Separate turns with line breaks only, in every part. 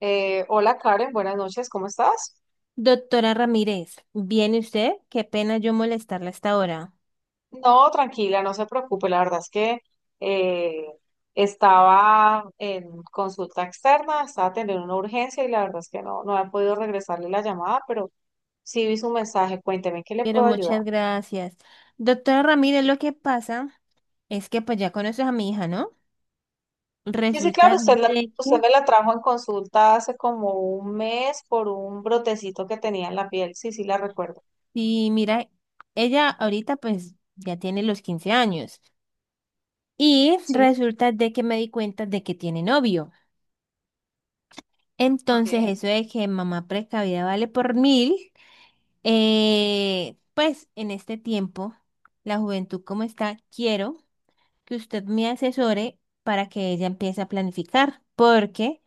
Hola Karen, buenas noches, ¿cómo estás?
Doctora Ramírez, ¿viene usted? Qué pena yo molestarla hasta ahora,
No, tranquila, no se preocupe, la verdad es que eh, estaba en consulta externa, estaba teniendo una urgencia y la verdad es que no he podido regresarle la llamada, pero sí vi su mensaje, cuénteme, ¿en qué le
pero
puedo ayudar?
muchas gracias. Doctora Ramírez, lo que pasa es que pues ya conoces a mi hija, ¿no?
Sí, sí, claro,
Resulta
usted,
de que,
usted me la trajo en consulta hace como un mes por un brotecito que tenía en la piel, sí, sí, la recuerdo.
sí, mira, ella ahorita pues ya tiene los 15 años y
Sí,
resulta de que me di cuenta de que tiene novio.
ok.
Entonces eso de que mamá precavida vale por mil, pues en este tiempo, la juventud como está, quiero. Que usted me asesore para que ella empiece a planificar, porque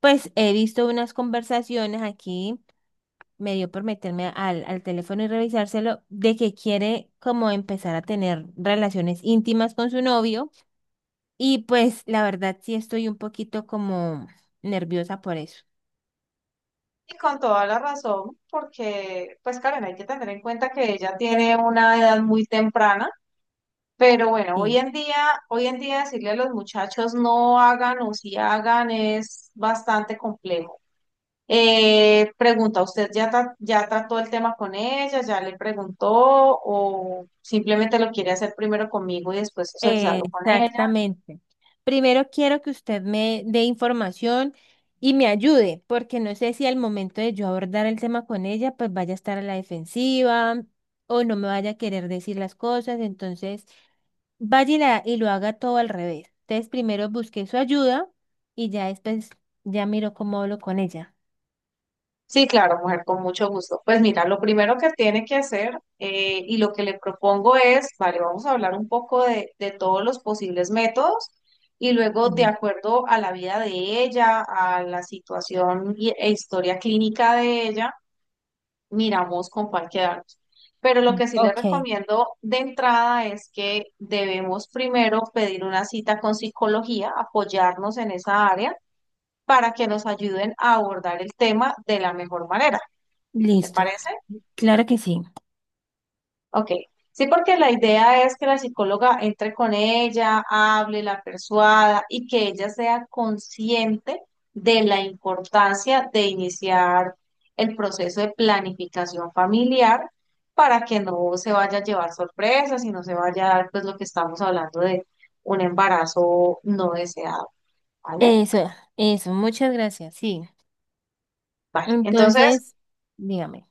pues he visto unas conversaciones aquí, me dio por meterme al teléfono y revisárselo, de que quiere como empezar a tener relaciones íntimas con su novio y pues la verdad sí estoy un poquito como nerviosa por eso.
Y con toda la razón, porque, pues Karen, hay que tener en cuenta que ella tiene una edad muy temprana, pero bueno, hoy
Sí.
en día, hoy en día decirle a los muchachos no hagan o si hagan es bastante complejo. Pregunta, ¿usted ya, ya trató el tema con ella? ¿Ya le preguntó? ¿O simplemente lo quiere hacer primero conmigo y después socializarlo con ella?
Exactamente. Primero quiero que usted me dé información y me ayude, porque no sé si al momento de yo abordar el tema con ella, pues vaya a estar a la defensiva o no me vaya a querer decir las cosas, entonces vaya y, la- y lo haga todo al revés. Entonces primero busque su ayuda y ya después ya miro cómo hablo con ella.
Sí, claro, mujer, con mucho gusto. Pues mira, lo primero que tiene que hacer y lo que le propongo es, vale, vamos a hablar un poco de todos los posibles métodos y luego de
Mm.
acuerdo a la vida de ella, a la situación e historia clínica de ella, miramos con cuál quedarnos. Pero lo que sí le
Ok,
recomiendo de entrada es que debemos primero pedir una cita con psicología, apoyarnos en esa área para que nos ayuden a abordar el tema de la mejor manera. ¿Te
listo.
parece?
Claro que sí.
Ok. Sí, porque la idea es que la psicóloga entre con ella, hable, la persuada y que ella sea consciente de la importancia de iniciar el proceso de planificación familiar para que no se vaya a llevar sorpresas y no se vaya a dar pues lo que estamos hablando de un embarazo no deseado, ¿vale?
Eso, eso, muchas gracias. Sí.
Vale. Entonces,
Entonces, dígame.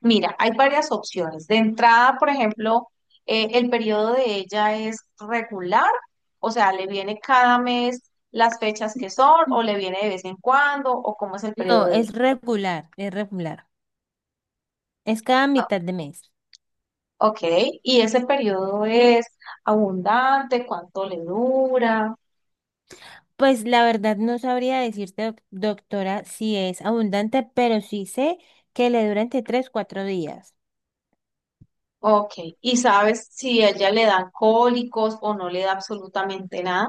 mira, hay varias opciones. De entrada, por ejemplo, el periodo de ella es regular, o sea, le viene cada mes las fechas que son, o le viene de vez en cuando, o cómo es el periodo
No,
de ella.
es regular, es regular. Es cada mitad de mes.
Ok, y ese periodo es abundante, ¿cuánto le dura?
Pues la verdad no sabría decirte, doctora, si es abundante, pero sí sé que le dura entre 3 4 días.
Ok, y sabes si a ella le dan cólicos o no le da absolutamente nada.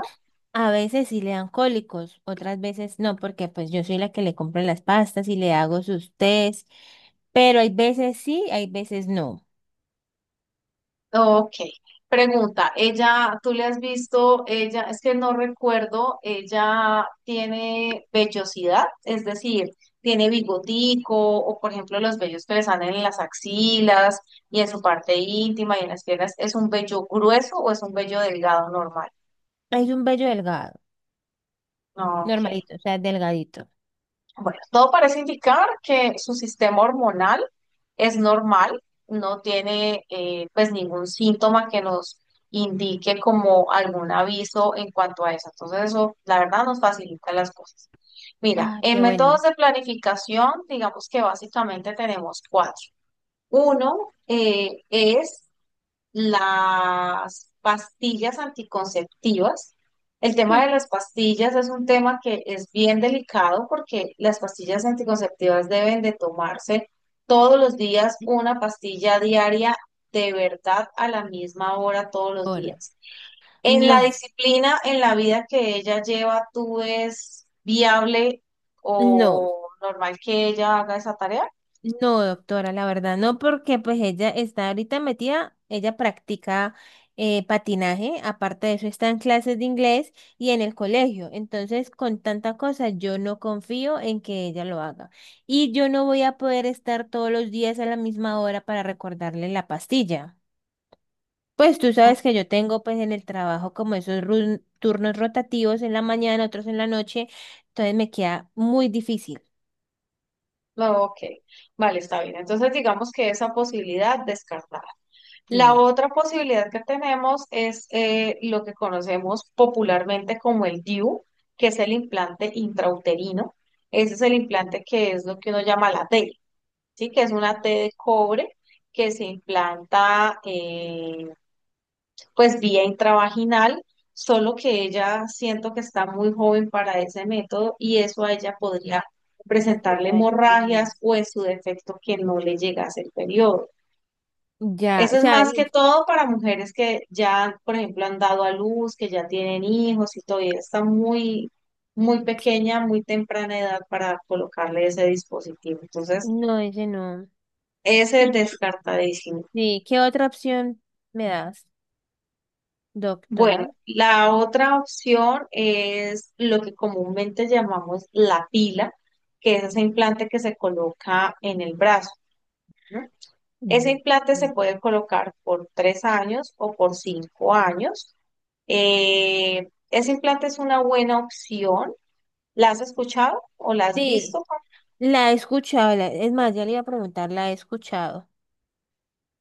A veces sí le dan cólicos, otras veces no, porque pues yo soy la que le compro las pastas y le hago sus tés, pero hay veces sí, hay veces no.
Ok, pregunta, ella, tú le has visto, ella, es que no recuerdo, ella tiene vellosidad, es decir, tiene bigotico o por ejemplo los vellos que le salen en las axilas y en su parte íntima y en las piernas, ¿es un vello grueso o es un vello delgado normal?
Es un vello delgado,
Ok.
normalito, o sea, delgadito.
Bueno, todo parece indicar que su sistema hormonal es normal, no tiene pues ningún síntoma que nos indique como algún aviso en cuanto a eso. Entonces eso, la verdad, nos facilita las cosas. Mira,
Ah,
en
qué bueno.
métodos de planificación, digamos que básicamente tenemos cuatro. Uno es las pastillas anticonceptivas. El
Hmm.
tema de las pastillas es un tema que es bien delicado porque las pastillas anticonceptivas deben de tomarse todos los días, una pastilla diaria de verdad a la misma hora todos los
Ahora,
días. En la
no,
disciplina, en la vida que ella lleva, ¿tú es viable
no.
o normal que ella haga esa tarea?
No, doctora, la verdad, no, porque pues ella está ahorita metida, ella practica patinaje, aparte de eso está en clases de inglés y en el colegio, entonces con tanta cosa yo no confío en que ella lo haga y yo no voy a poder estar todos los días a la misma hora para recordarle la pastilla. Pues tú sabes que yo tengo pues en el trabajo como esos turnos rotativos en la mañana, otros en la noche, entonces me queda muy difícil.
No, ok, vale, está bien. Entonces digamos que esa posibilidad descartada. La
Sí.
otra posibilidad que tenemos es lo que conocemos popularmente como el DIU, que es el implante intrauterino. Ese es el implante que es lo que uno llama la T, ¿sí? Que es una T
No,
de cobre que se implanta pues vía intravaginal, solo que ella siento que está muy joven para ese método y eso a ella podría
no te
presentarle
voy a
hemorragias
decir.
o en su defecto que no le llegase el periodo.
Ya,
Eso
o
es
sea,
más que todo para mujeres que ya, por ejemplo, han dado a luz, que ya tienen hijos y todavía está muy, muy pequeña, muy temprana edad para colocarle ese dispositivo. Entonces,
no, ese no.
ese es
Y-
descartadísimo.
Sí, ¿qué otra opción me das,
Bueno,
doctora?
la otra opción es lo que comúnmente llamamos la pila, que es ese implante que se coloca en el brazo, ¿no? Ese
Mm.
implante se puede colocar por 3 años o por 5 años. Ese implante es una buena opción. ¿La has escuchado o la has
Sí,
visto?
la he escuchado, la- es más, ya le iba a preguntar, la he escuchado,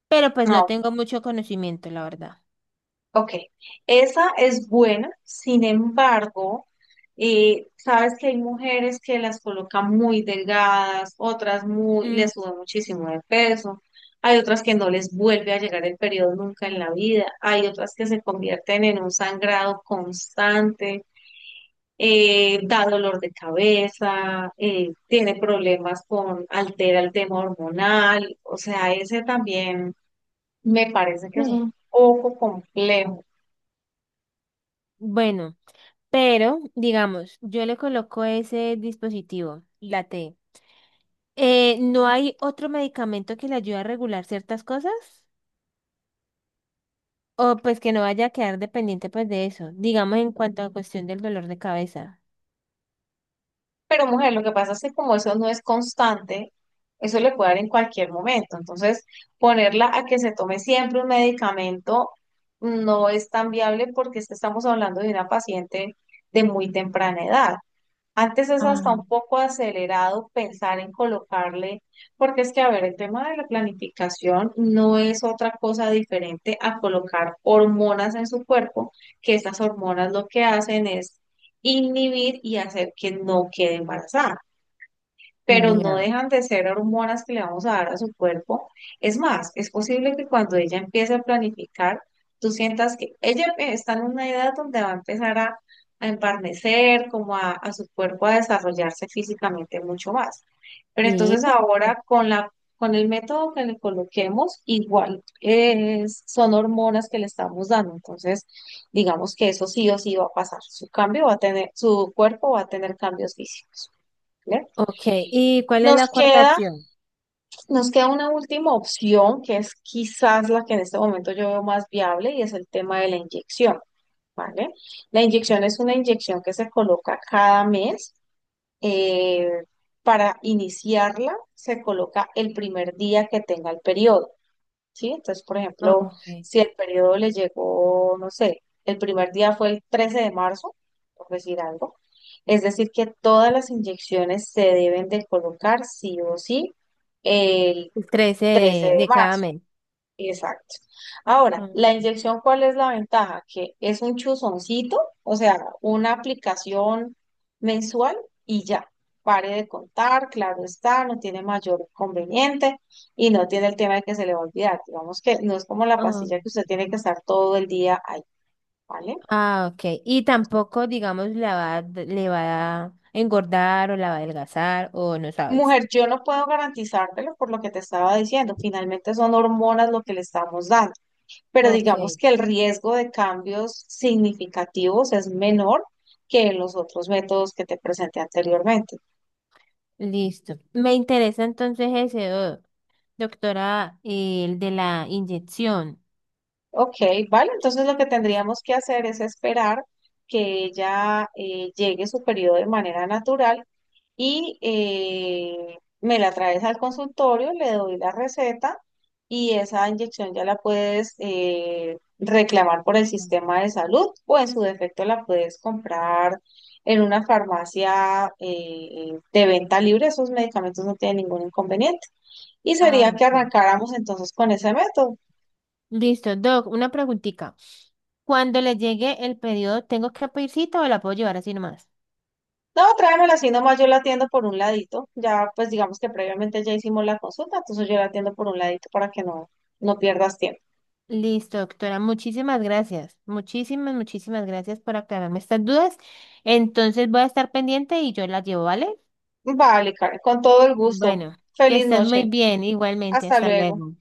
pero pues no
No,
tengo mucho conocimiento, la verdad.
ok. Esa es buena, sin embargo, sabes que hay mujeres que las colocan muy delgadas, otras muy,
Mm.
les sube muchísimo de peso, hay otras que no les vuelve a llegar el periodo nunca en la vida, hay otras que se convierten en un sangrado constante. Da dolor de cabeza, tiene problemas con, altera el tema hormonal, o sea, ese también me parece que es
eh,
un poco complejo.
Bueno, pero digamos, yo le coloco ese dispositivo, la T. ¿No hay otro medicamento que le ayude a regular ciertas cosas? O pues que no vaya a quedar dependiente pues de eso. Digamos en cuanto a cuestión del dolor de cabeza.
Pero mujer, lo que pasa es que como eso no es constante, eso le puede dar en cualquier momento. Entonces, ponerla a que se tome siempre un medicamento no es tan viable porque es que estamos hablando de una paciente de muy temprana edad. Antes es hasta
Ah,
un poco acelerado pensar en colocarle, porque es que, a ver, el tema de la planificación no es otra cosa diferente a colocar hormonas en su cuerpo, que estas hormonas lo que hacen es inhibir y hacer que no quede embarazada pero no
ya.
dejan de ser hormonas que le vamos a dar a su cuerpo. Es más, es posible que cuando ella empiece a planificar, tú sientas que ella está en una edad donde va a empezar a embarnecer, como a su cuerpo a desarrollarse físicamente mucho más. Pero
Sí.
entonces
Ya.
ahora con el método que le coloquemos, igual son hormonas que le estamos dando. Entonces, digamos que eso sí o sí va a pasar. Su cambio va a tener, Su cuerpo va a tener cambios físicos. ¿Vale?
Ok. ¿Y cuál es
Nos
la cuarta
queda,
opción?
nos queda una última opción que es quizás la que en este momento yo veo más viable y es el tema de la inyección, ¿vale? La inyección es una inyección que se coloca cada mes. eh, para iniciarla se coloca el primer día que tenga el periodo. ¿Sí? Entonces, por ejemplo,
Ok.
si el periodo le llegó, no sé, el primer día fue el 13 de marzo, por decir algo, es decir, que todas las inyecciones se deben de colocar sí o sí el
Pues Crece
13
de,
de
de cada
marzo.
mes.
Exacto. Ahora,
Ah,
la inyección, ¿cuál es la ventaja? Que es un chuzoncito, o sea, una aplicación mensual y ya. Pare de contar, claro está, no tiene mayor conveniente y no tiene el tema de que se le va a olvidar. Digamos que no es como la
ah,
pastilla que usted tiene que estar todo el día ahí, ¿vale?
ah, ok. Y tampoco, digamos, la va, a d- le va a engordar o la va a adelgazar o no sabes.
Mujer, yo no puedo garantizártelo por lo que te estaba diciendo. Finalmente son hormonas lo que le estamos dando, pero
Ok,
digamos que el riesgo de cambios significativos es menor que en los otros métodos que te presenté anteriormente.
listo. Me interesa entonces ese, doctora, el de la inyección.
Ok, vale, entonces lo que tendríamos que hacer es esperar que ella llegue su periodo de manera natural y me la traes al consultorio, le doy la receta y esa inyección ya la puedes reclamar por el sistema de salud o en su defecto la puedes comprar en una farmacia de venta libre, esos medicamentos no tienen ningún inconveniente. Y
Ah,
sería que
ok.
arrancáramos entonces con ese método.
Listo, Doc, una preguntita. Cuando le llegue el pedido, ¿tengo que pedir cita o la puedo llevar así nomás?
No, tráemela así nomás, yo la atiendo por un ladito. Ya, pues digamos que previamente ya hicimos la consulta, entonces yo la atiendo por un ladito para que no pierdas tiempo.
Listo, doctora, muchísimas gracias. Muchísimas, muchísimas gracias por aclararme estas dudas. Entonces voy a estar pendiente y yo las llevo, ¿vale?
Vale, Karen, con todo el gusto.
Bueno, que
Feliz
estés muy
noche.
bien, igualmente.
Hasta
Hasta
luego.
luego.